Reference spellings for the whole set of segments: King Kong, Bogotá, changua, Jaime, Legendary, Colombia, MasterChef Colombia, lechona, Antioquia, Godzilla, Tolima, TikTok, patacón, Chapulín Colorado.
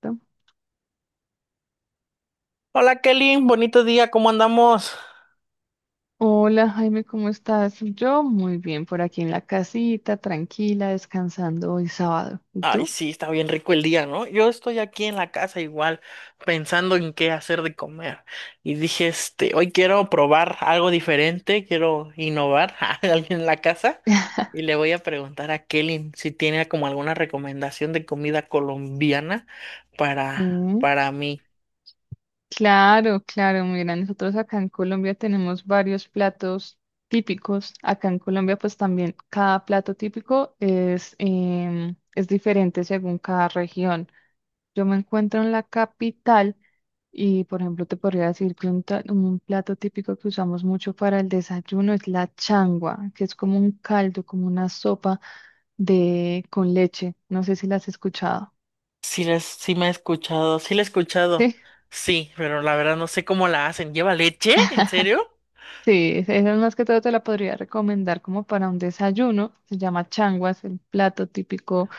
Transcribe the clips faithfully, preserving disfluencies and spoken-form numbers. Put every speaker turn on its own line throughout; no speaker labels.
Perfecto.
Hola Kelly, bonito día, ¿cómo andamos?
Hola Jaime, ¿cómo estás? Yo muy bien, por aquí en la casita, tranquila, descansando hoy sábado. ¿Y
Ay,
tú?
sí, está bien rico el día, ¿no? Yo estoy aquí en la casa igual pensando en qué hacer de comer. Y dije, este, hoy quiero probar algo diferente, quiero innovar a alguien en la casa y le voy a preguntar a Kelly si tiene como alguna recomendación de comida colombiana para,
Sí.
para mí.
Claro, claro, mira, nosotros acá en Colombia tenemos varios platos típicos. Acá en Colombia, pues también cada plato típico es, em, es diferente según cada región. Yo me encuentro en la capital y, por ejemplo, te podría decir que un, ta- un plato típico que usamos mucho para el desayuno es la changua, que es como un caldo, como una sopa de con leche. No sé si la has escuchado.
Sí, les, sí me he escuchado, sí la he escuchado. Sí, pero la verdad no sé cómo la hacen. ¿Lleva leche? ¿En serio?
Sí, esa esa más que todo te la podría recomendar como para un desayuno. Se llama changuas, el plato típico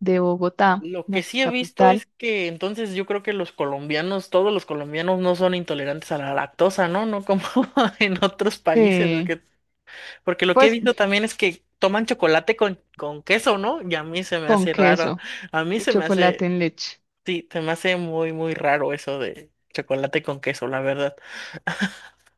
de Bogotá,
Lo
la
que sí he visto es
capital.
que entonces yo creo que los colombianos, todos los colombianos no son intolerantes a la lactosa, ¿no? No como en otros países,
Sí,
porque, porque lo que he
pues
visto también es que toman chocolate con, con queso, ¿no? Y a mí se me
con
hace raro,
queso
a mí
y
se me
chocolate
hace,
en leche.
sí, se me hace muy, muy raro eso de chocolate con queso, la verdad.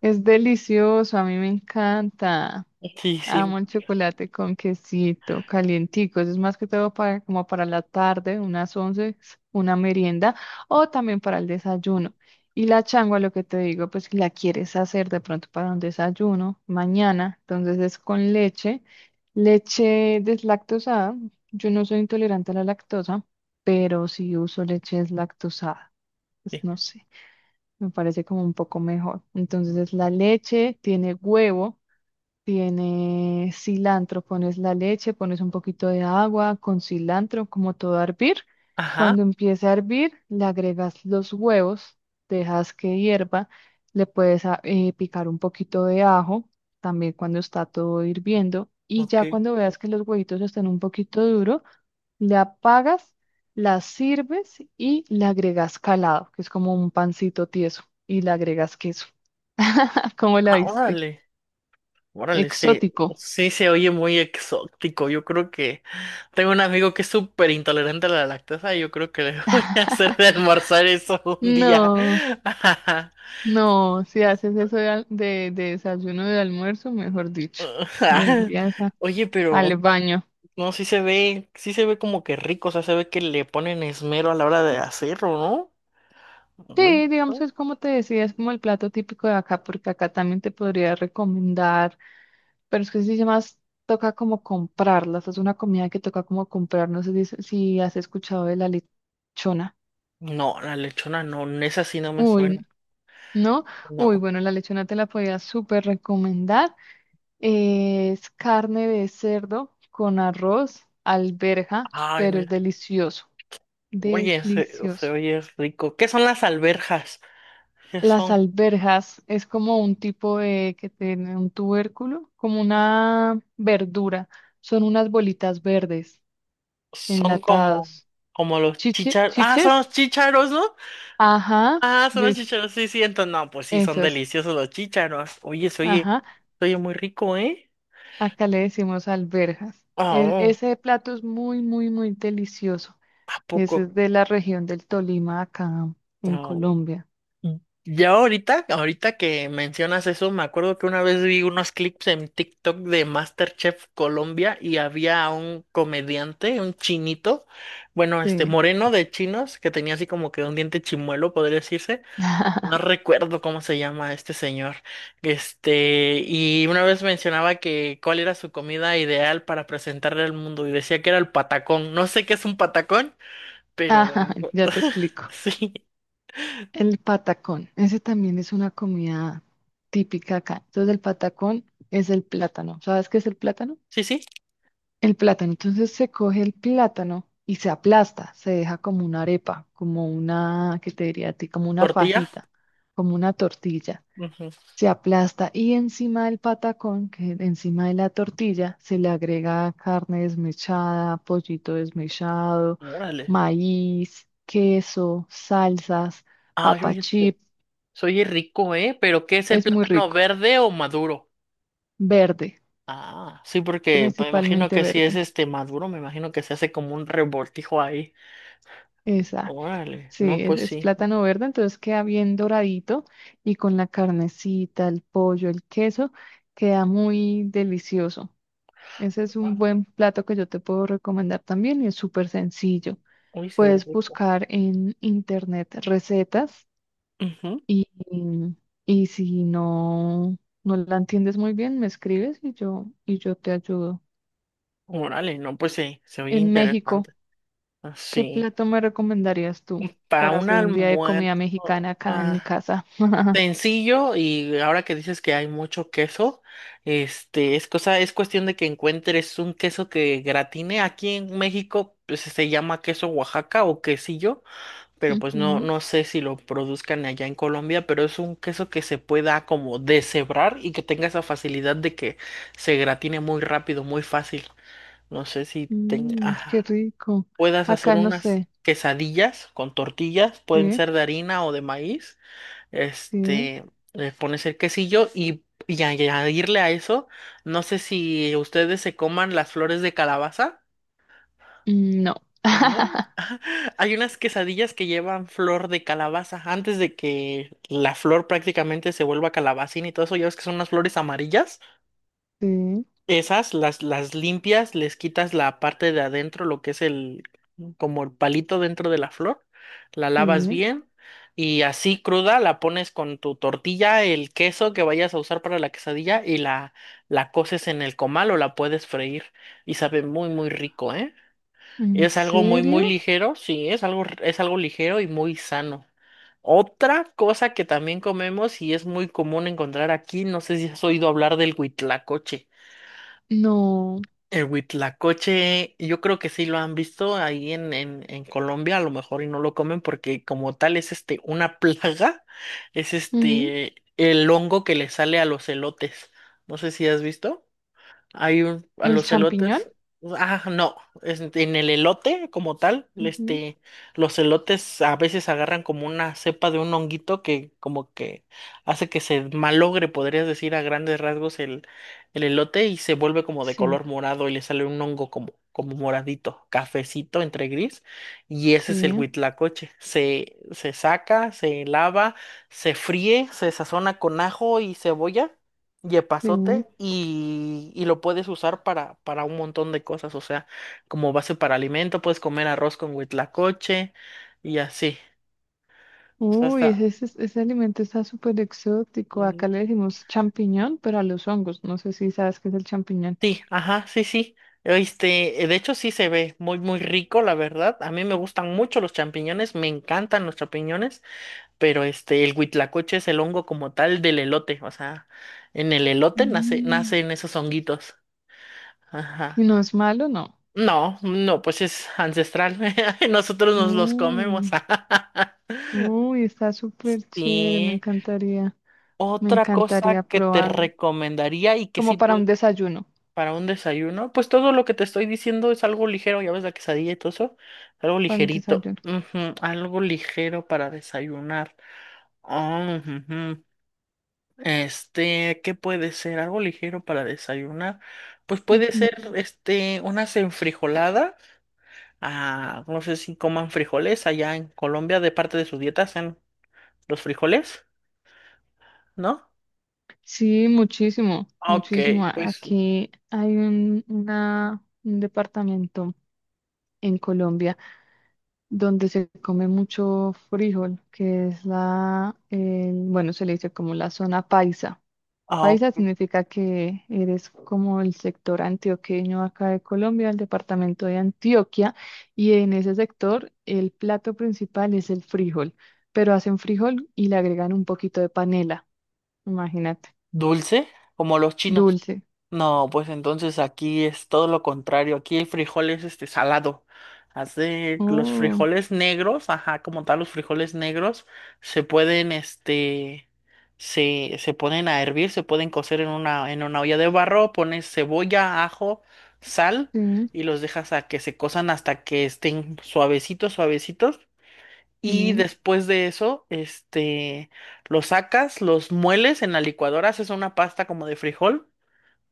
Es delicioso, a mí me encanta.
Sí, sí.
Amo el chocolate con quesito, calientico. Eso es más que todo para, como para la tarde, unas once, una merienda, o también para el desayuno. Y la changua, lo que te digo, pues si la quieres hacer de pronto para un desayuno mañana. Entonces es con leche, leche deslactosada. Yo no soy intolerante a la lactosa, pero sí uso leche deslactosada.
Eh,
Pues no sé, me parece como un poco mejor. Entonces es la leche, tiene huevo, tiene cilantro, pones la leche, pones un poquito de agua con cilantro, como todo a hervir.
ajá,
Cuando empiece a hervir, le agregas los huevos, dejas que hierva, le puedes a- eh, picar un poquito de ajo, también cuando está todo hirviendo. Y
ok.
ya cuando veas que los huevitos están un poquito duros, le apagas, la sirves y le agregas calado, que es como un pancito tieso, y le agregas queso. ¿Cómo la
Ah,
viste?
órale, órale, se,
Exótico.
sí se oye muy exótico. Yo creo que tengo un amigo que es súper intolerante a la lactosa y yo creo que le voy a hacer de almorzar eso un día.
No, no, si haces eso de, al- de, de desayuno de almuerzo, mejor dicho, lo
Ajá.
envías a-
Oye, pero
al baño.
no, sí se ve, sí se ve como que rico, o sea, se ve que le ponen esmero a la hora de hacerlo, ¿no? Muy...
Sí, digamos, es como te decía, es como el plato típico de acá, porque acá también te podría recomendar. Pero es que sí se más toca como comprarlas. Es una comida que toca como comprar. No sé si, si has escuchado de la lechona.
No, la lechona no, esa sí no me
Uy,
suena,
¿no? Uy,
no.
bueno, la lechona te la podía súper recomendar. Eh, es carne de cerdo con arroz, alberja,
Ay,
pero es
mira,
delicioso.
oye, se, se
Delicioso.
oye rico. ¿Qué son las alberjas? ¿Qué
Las
son?
alberjas es como un tipo de que tiene un tubérculo, como una verdura. Son unas bolitas verdes
Son como,
enlatados.
como los
Chiche,
chícharos, ah, son los
chiches,
chícharos, ¿no?
ajá,
Ah, son
yo
los
es-
chícharos, sí, sí, entonces, no, pues sí, son
esas,
deliciosos los chícharos. Oye, se oye,
ajá,
se oye muy rico, ¿eh?
acá le decimos alberjas. En-
Oh,
ese plato es muy, muy, muy delicioso.
¿a poco?
Ese es de la región del Tolima, acá en
No.
Colombia.
Ya ahorita, ahorita que mencionas eso, me acuerdo que una vez vi unos clips en TikTok de MasterChef Colombia y había un comediante, un chinito, bueno, este
Sí.
moreno de chinos, que tenía así como que un diente chimuelo, podría decirse. No recuerdo cómo se llama este señor. Este, y una vez mencionaba que cuál era su comida ideal para presentarle al mundo y decía que era el patacón. No sé qué es un patacón, pero
Ajá, ya te explico.
sí,
El patacón, ese también es una comida típica acá. Entonces, el patacón es el plátano. ¿Sabes qué es el plátano?
sí, sí,
El plátano, entonces se coge el plátano y se aplasta, se deja como una arepa, como una, ¿qué te diría a ti? Como una
tortilla.
fajita, como una tortilla.
Ujú.
Se aplasta y encima del patacón, que encima de la tortilla, se le agrega carne desmechada, pollito desmechado,
Órale.
maíz, queso, salsas,
Ah, yo
papa chip.
soy rico, ¿eh? Pero ¿qué es el
Es muy
plátano,
rico.
verde o maduro?
Verde,
Ah, sí, porque me imagino
principalmente
que si es
verde.
este maduro, me imagino que se hace como un revoltijo ahí.
Exacto.
Órale,
Sí,
no,
es,
pues
es
sí.
plátano verde, entonces queda bien doradito y con la carnecita, el pollo, el queso, queda muy delicioso. Ese es un
Ah,
buen plato que yo te puedo recomendar también y es súper sencillo.
uy, se ve
Puedes
rico.
buscar en internet recetas
Ujú.
y, y si no, no la entiendes muy bien, me escribes y yo, y yo te ayudo.
Órale, no, pues sí, se oye
En México,
interesante. Ah,
¿qué
sí,
plato me recomendarías tú
para
para
un
hacer un día de
almuerzo.
comida mexicana acá en mi
Ah,
casa?
sencillo. Y ahora que dices que hay mucho queso, este es cosa es cuestión de que encuentres un queso que gratine. Aquí en México pues, se llama queso Oaxaca o quesillo, pero pues no
Ujú.
no sé si lo produzcan allá en Colombia, pero es un queso que se pueda como deshebrar y que tenga esa facilidad de que se gratine muy rápido, muy fácil. No sé si ten-
Mm, qué
ajá,
rico.
puedas hacer
Acá no
unas
sé.
quesadillas con tortillas, pueden
Sí,
ser de harina o de maíz,
sí.
este, le pones el quesillo y, y añadirle a eso, no sé si ustedes se coman las flores de calabaza,
Mm, no.
¿no? Hay unas quesadillas que llevan flor de calabaza antes de que la flor prácticamente se vuelva calabacín y todo eso, ya ves que son unas flores amarillas.
Sí,
Esas las, las limpias, les quitas la parte de adentro, lo que es el, como el palito dentro de la flor, la lavas
sí.
bien y así cruda la pones con tu tortilla, el queso que vayas a usar para la quesadilla y la, la coces en el comal o la puedes freír y sabe muy, muy rico, ¿eh?
¿En
Es algo muy, muy
serio?
ligero, sí, es algo, es algo ligero y muy sano. Otra cosa que también comemos y es muy común encontrar aquí, no sé si has oído hablar del huitlacoche.
No.
El huitlacoche, yo creo que sí lo han visto ahí en, en, en Colombia, a lo mejor y no lo comen porque como tal es este una plaga, es
Mm,
este el hongo que le sale a los elotes. No sé si has visto. Hay un, a
¿el
los
champiñón?
elotes. Ah, no. Es- en el elote, como tal,
Ujú.
este, los elotes a veces agarran como una cepa de un honguito que como que hace que se malogre, podrías decir, a grandes rasgos el, el elote, y se vuelve como de
Sí,
color morado y le sale un hongo como, como moradito, cafecito entre gris. Y ese es el
sí,
huitlacoche. Se, se saca, se lava, se fríe, se sazona con ajo y cebolla,
sí.
yepazote, y, y lo puedes usar para, para un montón de cosas, o sea, como base para alimento, puedes comer arroz con huitlacoche y así. O sea,
Uy, ese,
está...
ese, ese alimento está súper exótico. Acá
mm,
le decimos champiñón, pero a los hongos. No sé si sabes qué es el champiñón.
sí, ajá, sí, sí. Este, eh, de hecho sí se ve muy, muy rico, la verdad. A mí me gustan mucho los champiñones, me encantan los champiñones, pero este, el huitlacoche es el hongo como tal del elote, o sea, en el elote nace,
Mm.
nacen esos honguitos. Ajá.
¿Y no es malo? No.
No, no, pues es ancestral. Nosotros nos los comemos.
Uy, uy, está súper chévere. Me
Sí.
encantaría. Me
Otra
encantaría
cosa que te
probarlo.
recomendaría y que sí
Como para
puedes
un desayuno.
para un desayuno, pues todo lo que te estoy diciendo es algo ligero, ya ves la quesadilla y todo eso, algo
Para el
ligerito.
desayuno.
Ujú, algo ligero para desayunar. Ah, ujujú. Este, ¿qué puede ser? Algo ligero para desayunar. Pues puede
Ujú.
ser, este, unas enfrijoladas. Ah, no sé si coman frijoles allá en Colombia, de parte de su dieta, hacen los frijoles, ¿no?
Sí, muchísimo,
Ok,
muchísimo. A-
pues
Aquí hay un, una- un departamento en Colombia donde se come mucho frijol, que es la, el- bueno, se le dice como la zona paisa.
ah,
Paisa significa que eres como el sector antioqueño acá de Colombia, el departamento de Antioquia, y en ese sector el plato principal es el frijol, pero hacen frijol y le agregan un poquito de panela, imagínate,
dulce, como los chinos.
dulce.
No, pues entonces aquí es todo lo contrario. Aquí el frijol es este salado. Hace los
Oh,
frijoles negros, ajá, como tal, los frijoles negros se pueden, este, se, se ponen a hervir, se pueden cocer en una, en una olla de barro, pones cebolla, ajo, sal
sí,
y los dejas a que se cosan hasta que estén suavecitos, suavecitos.
sí,
Y después de eso, este, los sacas, los mueles en la licuadora, haces una pasta como de frijol.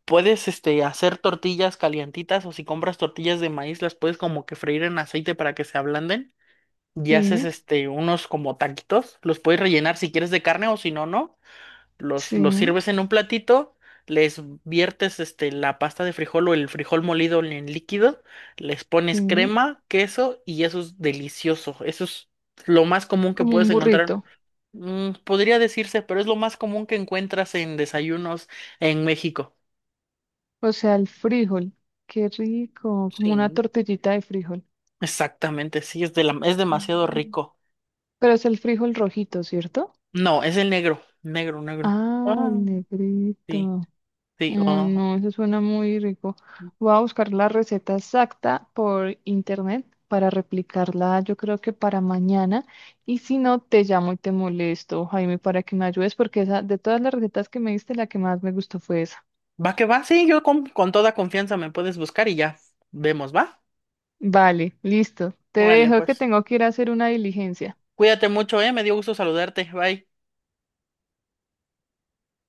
Puedes este, hacer tortillas calientitas, o si compras tortillas de maíz, las puedes como que freír en aceite para que se ablanden, y haces
sí,
este, unos como taquitos. Los puedes rellenar si quieres de carne o si no, no. Los, los
sí,
sirves en un platito, les viertes este, la pasta de frijol o el frijol molido en líquido, les pones
sí,
crema, queso y eso es delicioso. Eso es lo más común que
como
puedes
un burrito,
encontrar. Mm, podría decirse, pero es lo más común que encuentras en desayunos en México.
o sea, el frijol, qué rico, como una
Sí.
tortillita de frijol.
Exactamente, sí, es de la, es demasiado
Mm.
rico.
Pero es el frijol rojito, ¿cierto?
No, es el negro, negro, negro.
Ah,
Ah,
el
sí,
negrito.
sí,
Ay,
oh.
no, eso suena muy rico. Voy a buscar la receta exacta por internet para replicarla, yo creo que para mañana. Y si no, te llamo y te molesto, Jaime, para que me ayudes, porque esa, de todas las recetas que me diste, la que más me gustó fue esa.
Va que va, sí, yo con, con toda confianza me puedes buscar y ya vemos, ¿va?
Vale, listo. Te
Vale,
dejo que
pues.
tengo que ir a hacer una diligencia.
Cuídate mucho, eh, me dio gusto saludarte. Bye.